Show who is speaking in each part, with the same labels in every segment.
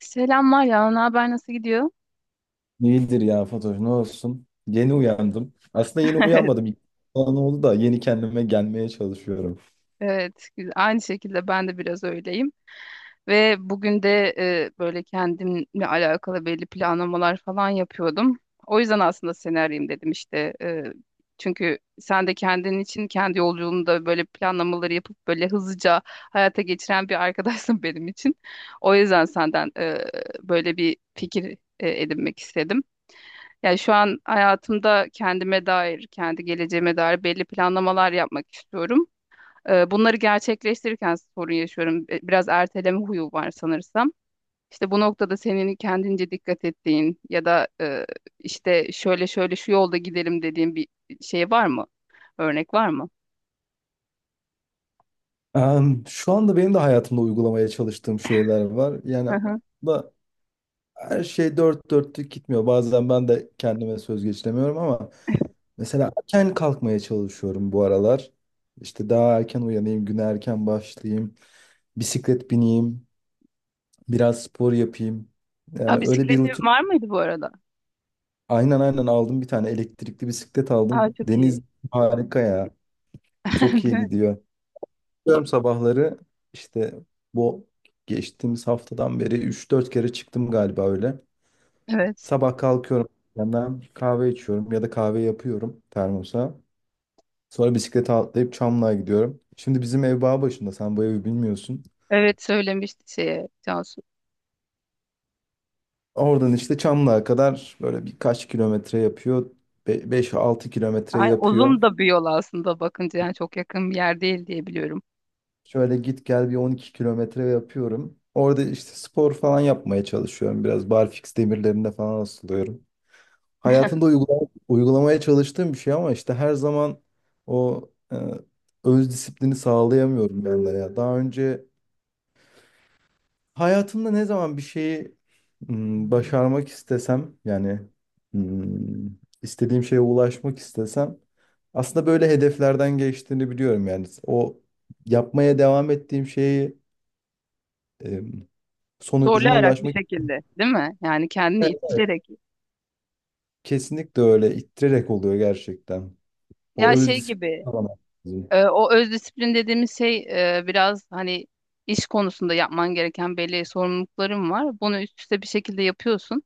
Speaker 1: Selamlar ya, ne haber nasıl gidiyor?
Speaker 2: İyidir ya Fatoş, ne olsun. Yeni uyandım. Aslında yeni uyanmadım. Falan oldu da yeni kendime gelmeye çalışıyorum.
Speaker 1: Evet, güzel. Aynı şekilde ben de biraz öyleyim. Ve bugün de böyle kendimle alakalı belli planlamalar falan yapıyordum. O yüzden aslında seni arayayım dedim işte. Çünkü sen de kendin için kendi yolculuğunda böyle planlamaları yapıp böyle hızlıca hayata geçiren bir arkadaşsın benim için. O yüzden senden böyle bir fikir edinmek istedim. Yani şu an hayatımda kendime dair, kendi geleceğime dair belli planlamalar yapmak istiyorum. Bunları gerçekleştirirken sorun yaşıyorum. Biraz erteleme huyu var sanırsam. İşte bu noktada senin kendince dikkat ettiğin ya da işte şöyle şöyle şu yolda gidelim dediğin bir şey var mı? Örnek var mı?
Speaker 2: Şu anda benim de hayatımda uygulamaya çalıştığım şeyler var. Yani
Speaker 1: Hı hı.
Speaker 2: da her şey dört dörtlük gitmiyor. Bazen ben de kendime söz geçiremiyorum ama mesela erken kalkmaya çalışıyorum bu aralar. İşte daha erken uyanayım, güne erken başlayayım, bisiklet bineyim, biraz spor yapayım. Yani
Speaker 1: Ya
Speaker 2: öyle bir
Speaker 1: bisikleti
Speaker 2: rutin.
Speaker 1: var mıydı bu arada?
Speaker 2: Aynen aynen, aldım, bir tane elektrikli bisiklet
Speaker 1: Aa
Speaker 2: aldım.
Speaker 1: çok iyi.
Speaker 2: Deniz harika ya. Çok
Speaker 1: Değil
Speaker 2: iyi
Speaker 1: mi?
Speaker 2: gidiyor. Çıkıyorum sabahları, işte bu geçtiğimiz haftadan beri 3-4 kere çıktım galiba öyle.
Speaker 1: Evet.
Speaker 2: Sabah kalkıyorum, yandan kahve içiyorum ya da kahve yapıyorum termosa. Sonra bisiklete atlayıp Çamlı'ya gidiyorum. Şimdi bizim ev bağ başında, sen bu evi bilmiyorsun.
Speaker 1: Evet söylemişti şeye Cansu.
Speaker 2: Oradan işte Çamlı'ya kadar böyle birkaç kilometre yapıyor. 5-6 kilometre
Speaker 1: Ay,
Speaker 2: yapıyor.
Speaker 1: uzun da bir yol aslında bakınca yani çok yakın bir yer değil diye biliyorum.
Speaker 2: Şöyle git gel bir 12 kilometre yapıyorum. Orada işte spor falan yapmaya çalışıyorum. Biraz barfiks demirlerinde falan asılıyorum. Hayatımda uygulamaya çalıştığım bir şey ama işte her zaman o e, öz disiplini sağlayamıyorum ben de ya. Daha önce hayatımda ne zaman bir şeyi başarmak istesem, yani m, istediğim şeye ulaşmak istesem aslında böyle hedeflerden geçtiğini biliyorum yani. O yapmaya devam ettiğim şeyi sonucuna
Speaker 1: Zorlayarak bir
Speaker 2: ulaşmak.
Speaker 1: şekilde, değil mi? Yani kendini
Speaker 2: Evet,
Speaker 1: ittirerek.
Speaker 2: kesinlikle öyle ittirerek oluyor gerçekten. O
Speaker 1: Ya
Speaker 2: öz
Speaker 1: şey
Speaker 2: disiplin
Speaker 1: gibi,
Speaker 2: alamak lazım.
Speaker 1: o öz disiplin dediğimiz şey biraz hani iş konusunda yapman gereken belli sorumlulukların var. Bunu üst üste bir şekilde yapıyorsun.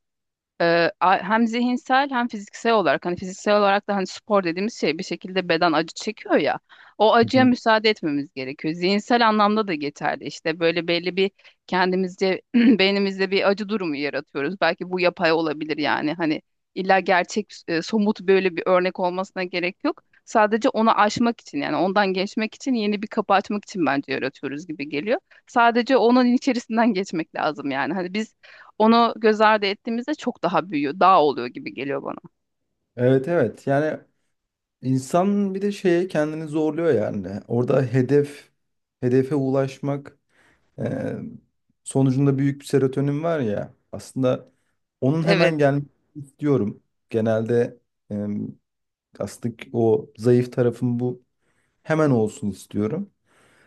Speaker 1: Hem zihinsel hem fiziksel olarak hani fiziksel olarak da hani spor dediğimiz şey bir şekilde beden acı çekiyor ya, o
Speaker 2: Hı
Speaker 1: acıya
Speaker 2: hı.
Speaker 1: müsaade etmemiz gerekiyor. Zihinsel anlamda da geçerli işte böyle belli bir kendimizce beynimizde bir acı durumu yaratıyoruz. Belki bu yapay olabilir yani hani illa gerçek somut böyle bir örnek olmasına gerek yok. Sadece onu aşmak için yani ondan geçmek için yeni bir kapı açmak için bence yaratıyoruz gibi geliyor. Sadece onun içerisinden geçmek lazım yani. Hani biz onu göz ardı ettiğimizde çok daha büyüyor, daha oluyor gibi geliyor bana.
Speaker 2: Evet evet, yani insan bir de şeye kendini zorluyor yani. Orada hedefe ulaşmak e, sonucunda büyük bir serotonin var ya aslında, onun
Speaker 1: Evet,
Speaker 2: hemen gelmesini istiyorum. Genelde e, aslında o zayıf tarafım bu, hemen olsun istiyorum.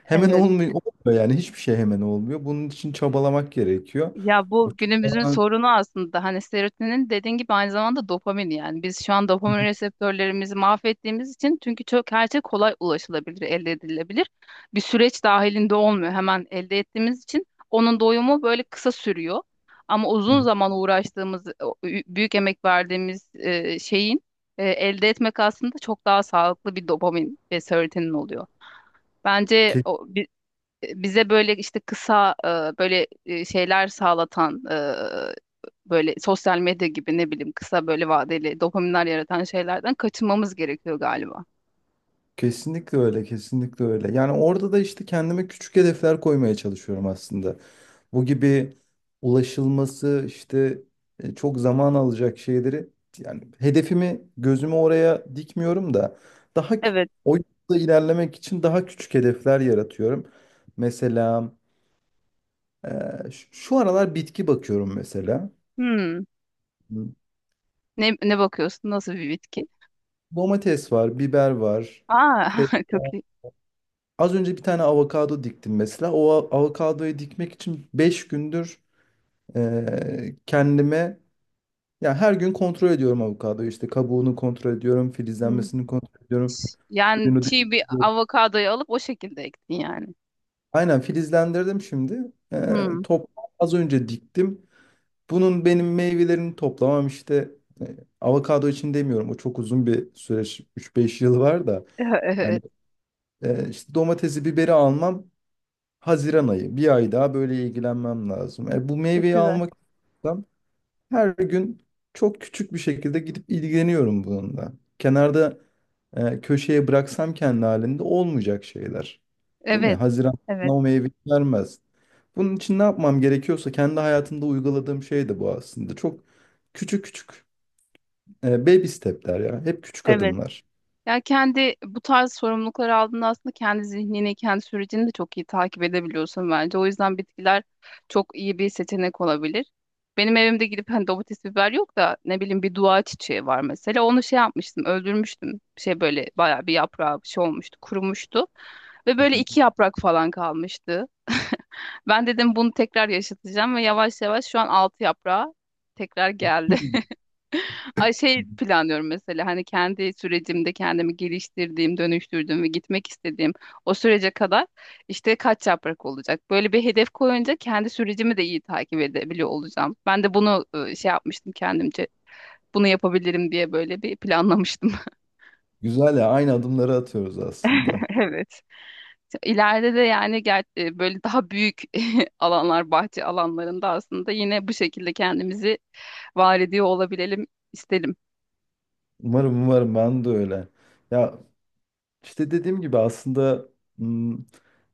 Speaker 2: Hemen
Speaker 1: evet.
Speaker 2: olmuyor, olmuyor, yani hiçbir şey hemen olmuyor. Bunun için çabalamak gerekiyor.
Speaker 1: Ya
Speaker 2: O
Speaker 1: bu günümüzün
Speaker 2: çabalamak...
Speaker 1: sorunu aslında hani serotonin dediğin gibi aynı zamanda dopamin yani. Biz şu an dopamin reseptörlerimizi mahvettiğimiz için çünkü çok her şey kolay ulaşılabilir, elde edilebilir. Bir süreç dahilinde olmuyor hemen elde ettiğimiz için onun doyumu böyle kısa sürüyor. Ama uzun zaman uğraştığımız, o büyük emek verdiğimiz şeyin elde etmek aslında çok daha sağlıklı bir dopamin ve serotonin oluyor. Bence
Speaker 2: Ke-
Speaker 1: o, bize böyle işte kısa böyle şeyler sağlatan böyle sosyal medya gibi ne bileyim kısa böyle vadeli dopaminler yaratan şeylerden kaçınmamız gerekiyor galiba.
Speaker 2: Kesinlikle öyle, kesinlikle öyle. Yani orada da işte kendime küçük hedefler koymaya çalışıyorum aslında. Bu gibi ulaşılması işte çok zaman alacak şeyleri, yani hedefimi gözümü oraya dikmiyorum da daha kü-
Speaker 1: Evet.
Speaker 2: o yolda ilerlemek için daha küçük hedefler yaratıyorum. Mesela e, şu aralar bitki bakıyorum mesela.
Speaker 1: Hmm.
Speaker 2: Hı.
Speaker 1: Ne, ne bakıyorsun? Nasıl bir bitki?
Speaker 2: Domates var, biber var.
Speaker 1: Aa,
Speaker 2: Fe-
Speaker 1: çok iyi.
Speaker 2: Az önce bir tane avokado diktim mesela. O avokadoyu dikmek için 5 gündür kendime, ya her gün kontrol ediyorum avokadoyu. İşte kabuğunu kontrol ediyorum,
Speaker 1: Hmm.
Speaker 2: filizlenmesini kontrol ediyorum,
Speaker 1: Yani
Speaker 2: suyunu
Speaker 1: çiğ bir
Speaker 2: dikliyorum.
Speaker 1: avokadoyu alıp o şekilde ektin yani.
Speaker 2: Aynen, filizlendirdim şimdi. E,
Speaker 1: Hmm.
Speaker 2: top Az önce diktim. Bunun benim meyvelerini toplamam işte, e, avokado için demiyorum. O çok uzun bir süreç. 3-5 yıl var da. Yani işte domatesi, biberi almam Haziran ayı. Bir ay daha böyle ilgilenmem lazım. Bu
Speaker 1: Çok
Speaker 2: meyveyi
Speaker 1: güzel.
Speaker 2: almak istiyorsam her gün çok küçük bir şekilde gidip ilgileniyorum bununla. Kenarda köşeye bıraksam kendi halinde olmayacak şeyler. Değil mi?
Speaker 1: Evet,
Speaker 2: Haziran bana
Speaker 1: evet,
Speaker 2: o meyveyi vermez. Bunun için ne yapmam gerekiyorsa kendi hayatımda uyguladığım şey de bu aslında. Çok küçük küçük baby step'ler ya. Hep küçük
Speaker 1: evet.
Speaker 2: adımlar.
Speaker 1: Ya kendi bu tarz sorumlulukları aldığında aslında kendi zihnini, kendi sürecini de çok iyi takip edebiliyorsun bence. O yüzden bitkiler çok iyi bir seçenek olabilir. Benim evimde gidip hani domates biber yok da ne bileyim bir dua çiçeği var mesela. Onu şey yapmıştım, öldürmüştüm. Şey böyle bayağı bir yaprağı bir şey olmuştu, kurumuştu. Ve böyle iki yaprak falan kalmıştı. Ben dedim bunu tekrar yaşatacağım ve yavaş yavaş şu an altı yaprağı tekrar geldi. Ay şey planlıyorum mesela hani kendi sürecimde kendimi geliştirdiğim, dönüştürdüğüm ve gitmek istediğim o sürece kadar işte kaç yaprak olacak. Böyle bir hedef koyunca kendi sürecimi de iyi takip edebiliyor olacağım. Ben de bunu şey yapmıştım kendimce. Bunu yapabilirim diye böyle bir planlamıştım.
Speaker 2: Güzel ya, aynı adımları atıyoruz aslında.
Speaker 1: Evet. İleride de yani böyle daha büyük alanlar, bahçe alanlarında aslında yine bu şekilde kendimizi var ediyor olabilelim isterim.
Speaker 2: Umarım umarım ben de öyle. Ya, İşte dediğim gibi aslında m,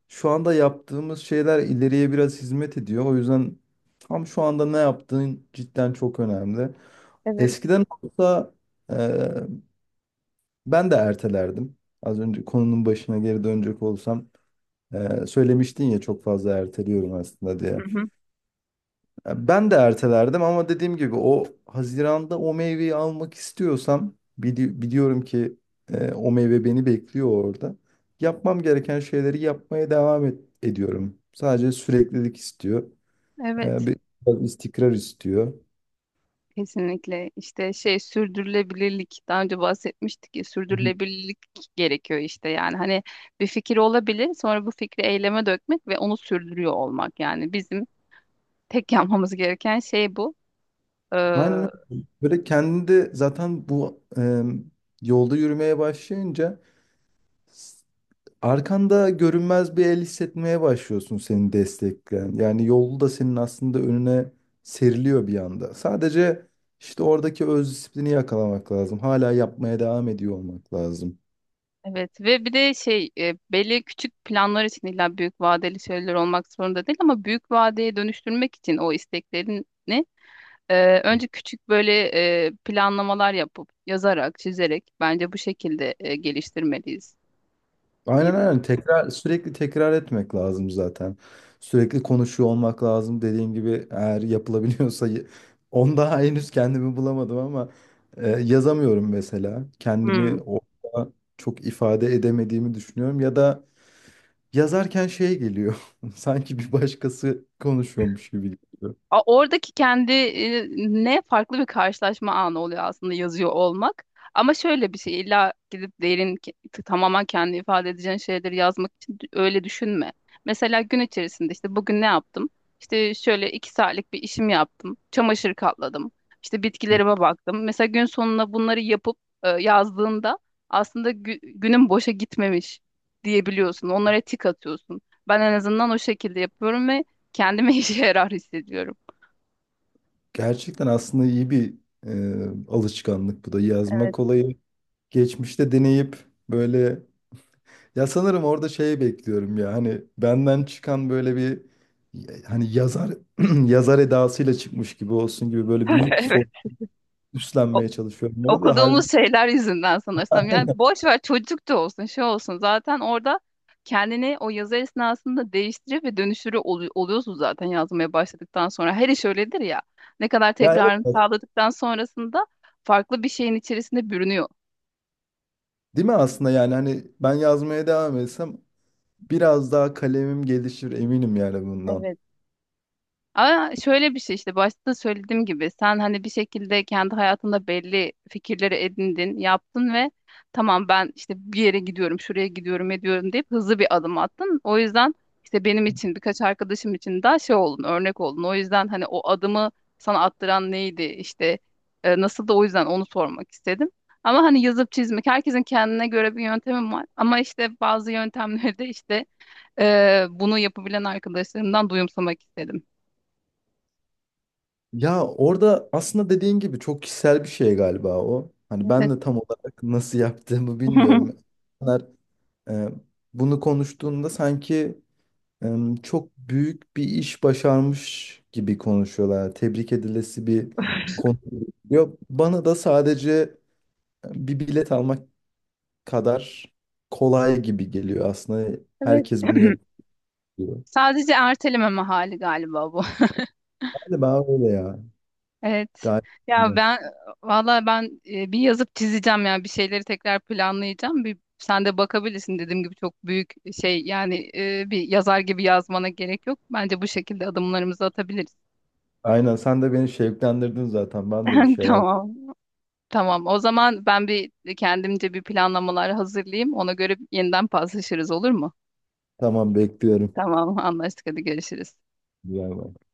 Speaker 2: şu anda yaptığımız şeyler ileriye biraz hizmet ediyor. O yüzden tam şu anda ne yaptığın cidden çok önemli.
Speaker 1: Evet.
Speaker 2: Eskiden olsa e, ben de ertelerdim. Az önce konunun başına geri dönecek olsam, söylemiştin ya çok fazla erteliyorum aslında diye.
Speaker 1: Hı hı.
Speaker 2: Ya, ben de ertelerdim ama dediğim gibi o Haziran'da o meyveyi almak istiyorsam biliyorum ki o meyve beni bekliyor orada. Yapmam gereken şeyleri yapmaya devam ediyorum. Sadece süreklilik istiyor. E,
Speaker 1: Evet.
Speaker 2: bir biraz istikrar istiyor.
Speaker 1: Kesinlikle işte şey sürdürülebilirlik daha önce bahsetmiştik ya,
Speaker 2: Hı hı.
Speaker 1: sürdürülebilirlik gerekiyor işte yani hani bir fikir olabilir sonra bu fikri eyleme dökmek ve onu sürdürüyor olmak yani bizim tek yapmamız gereken şey bu. Ee,
Speaker 2: Aynen öyle. Böyle kendinde zaten bu yolda yürümeye başlayınca arkanda görünmez bir el hissetmeye başlıyorsun seni destekleyen. Yani yolu da senin aslında önüne seriliyor bir anda. Sadece işte oradaki öz disiplini yakalamak lazım. Hala yapmaya devam ediyor olmak lazım.
Speaker 1: Evet ve bir de şey belli küçük planlar için illa büyük vadeli şeyler olmak zorunda değil ama büyük vadeye dönüştürmek için o isteklerini önce küçük böyle planlamalar yapıp yazarak, çizerek bence bu şekilde geliştirmeliyiz
Speaker 2: Aynen
Speaker 1: diye
Speaker 2: aynen. Tekrar, sürekli tekrar etmek lazım zaten. Sürekli konuşuyor olmak lazım. Dediğim gibi eğer yapılabiliyorsa onda henüz kendimi bulamadım ama yazamıyorum mesela. Kendimi
Speaker 1: düşünüyorum.
Speaker 2: orada çok ifade edemediğimi düşünüyorum ya da... Yazarken şey geliyor. Sanki bir başkası konuşuyormuş gibi geliyor.
Speaker 1: Oradaki kendi ne farklı bir karşılaşma anı oluyor aslında yazıyor olmak. Ama şöyle bir şey illa gidip tamamen kendi ifade edeceğin şeyleri yazmak için öyle düşünme. Mesela gün içerisinde işte bugün ne yaptım? İşte şöyle iki saatlik bir işim yaptım. Çamaşır katladım. İşte
Speaker 2: Hı.
Speaker 1: bitkilerime baktım. Mesela gün sonuna bunları yapıp yazdığında aslında günün boşa gitmemiş diyebiliyorsun. Onlara tik atıyorsun. Ben en azından o şekilde yapıyorum ve kendime işe yarar hissediyorum.
Speaker 2: Gerçekten aslında iyi bir alışkanlık bu da. Yazmak olayı geçmişte deneyip böyle, ya sanırım orada şey bekliyorum ya, hani benden çıkan böyle bir, hani yazar yazar edasıyla çıkmış gibi olsun gibi böyle büyük bir
Speaker 1: Evet.
Speaker 2: soğuk
Speaker 1: O-
Speaker 2: üstlenmeye çalışıyorum. Orada da halbuki...
Speaker 1: okuduğumuz şeyler yüzünden sanırsam. Yani boş ver çocuk da olsun, şey olsun. Zaten orada kendini o yazı esnasında değiştirip ve oluyorsun zaten yazmaya başladıktan sonra. Her iş öyledir ya. Ne kadar
Speaker 2: Ya evet
Speaker 1: tekrarını
Speaker 2: bak,
Speaker 1: sağladıktan sonrasında farklı bir şeyin içerisinde bürünüyor.
Speaker 2: değil mi aslında, yani hani ben yazmaya devam etsem biraz daha kalemim gelişir eminim yani bundan.
Speaker 1: Evet. Ama şöyle bir şey işte başta söylediğim gibi sen hani bir şekilde kendi hayatında belli fikirleri edindin, yaptın ve tamam ben işte bir yere gidiyorum, şuraya gidiyorum, ediyorum deyip hızlı bir adım attın. O yüzden işte benim için birkaç arkadaşım için daha şey oldun, örnek oldun. O yüzden hani o adımı sana attıran neydi işte nasıl da o yüzden onu sormak istedim. Ama hani yazıp çizmek herkesin kendine göre bir yöntemi var. Ama işte bazı yöntemleri de işte bunu yapabilen arkadaşlarımdan duyumsamak istedim.
Speaker 2: Ya orada aslında dediğin gibi çok kişisel bir şey galiba o. Hani ben
Speaker 1: Evet.
Speaker 2: de tam olarak nasıl yaptığımı bilmiyorum. İnsanlar e, bunu konuştuğunda sanki e, çok büyük bir iş başarmış gibi konuşuyorlar. Tebrik edilesi bir konu. Yok, bana da sadece bir bilet almak kadar kolay gibi geliyor aslında.
Speaker 1: Evet.
Speaker 2: Herkes bunu yapıyor.
Speaker 1: Sadece ertelememe hali galiba bu.
Speaker 2: Galiba öyle ya.
Speaker 1: Evet.
Speaker 2: Galiba
Speaker 1: Ya
Speaker 2: öyle.
Speaker 1: ben valla ben bir yazıp çizeceğim yani bir şeyleri tekrar planlayacağım. Bir sen de bakabilirsin dediğim gibi çok büyük şey yani bir yazar gibi yazmana gerek yok. Bence bu şekilde adımlarımızı atabiliriz.
Speaker 2: Aynen, sen de beni şevklendirdin zaten. Ben de bir şeyler...
Speaker 1: Tamam. Tamam. O zaman ben bir kendimce bir planlamalar hazırlayayım. Ona göre yeniden paslaşırız olur mu?
Speaker 2: Tamam, bekliyorum.
Speaker 1: Tamam, anlaştık. Hadi görüşürüz.
Speaker 2: Güzel bak.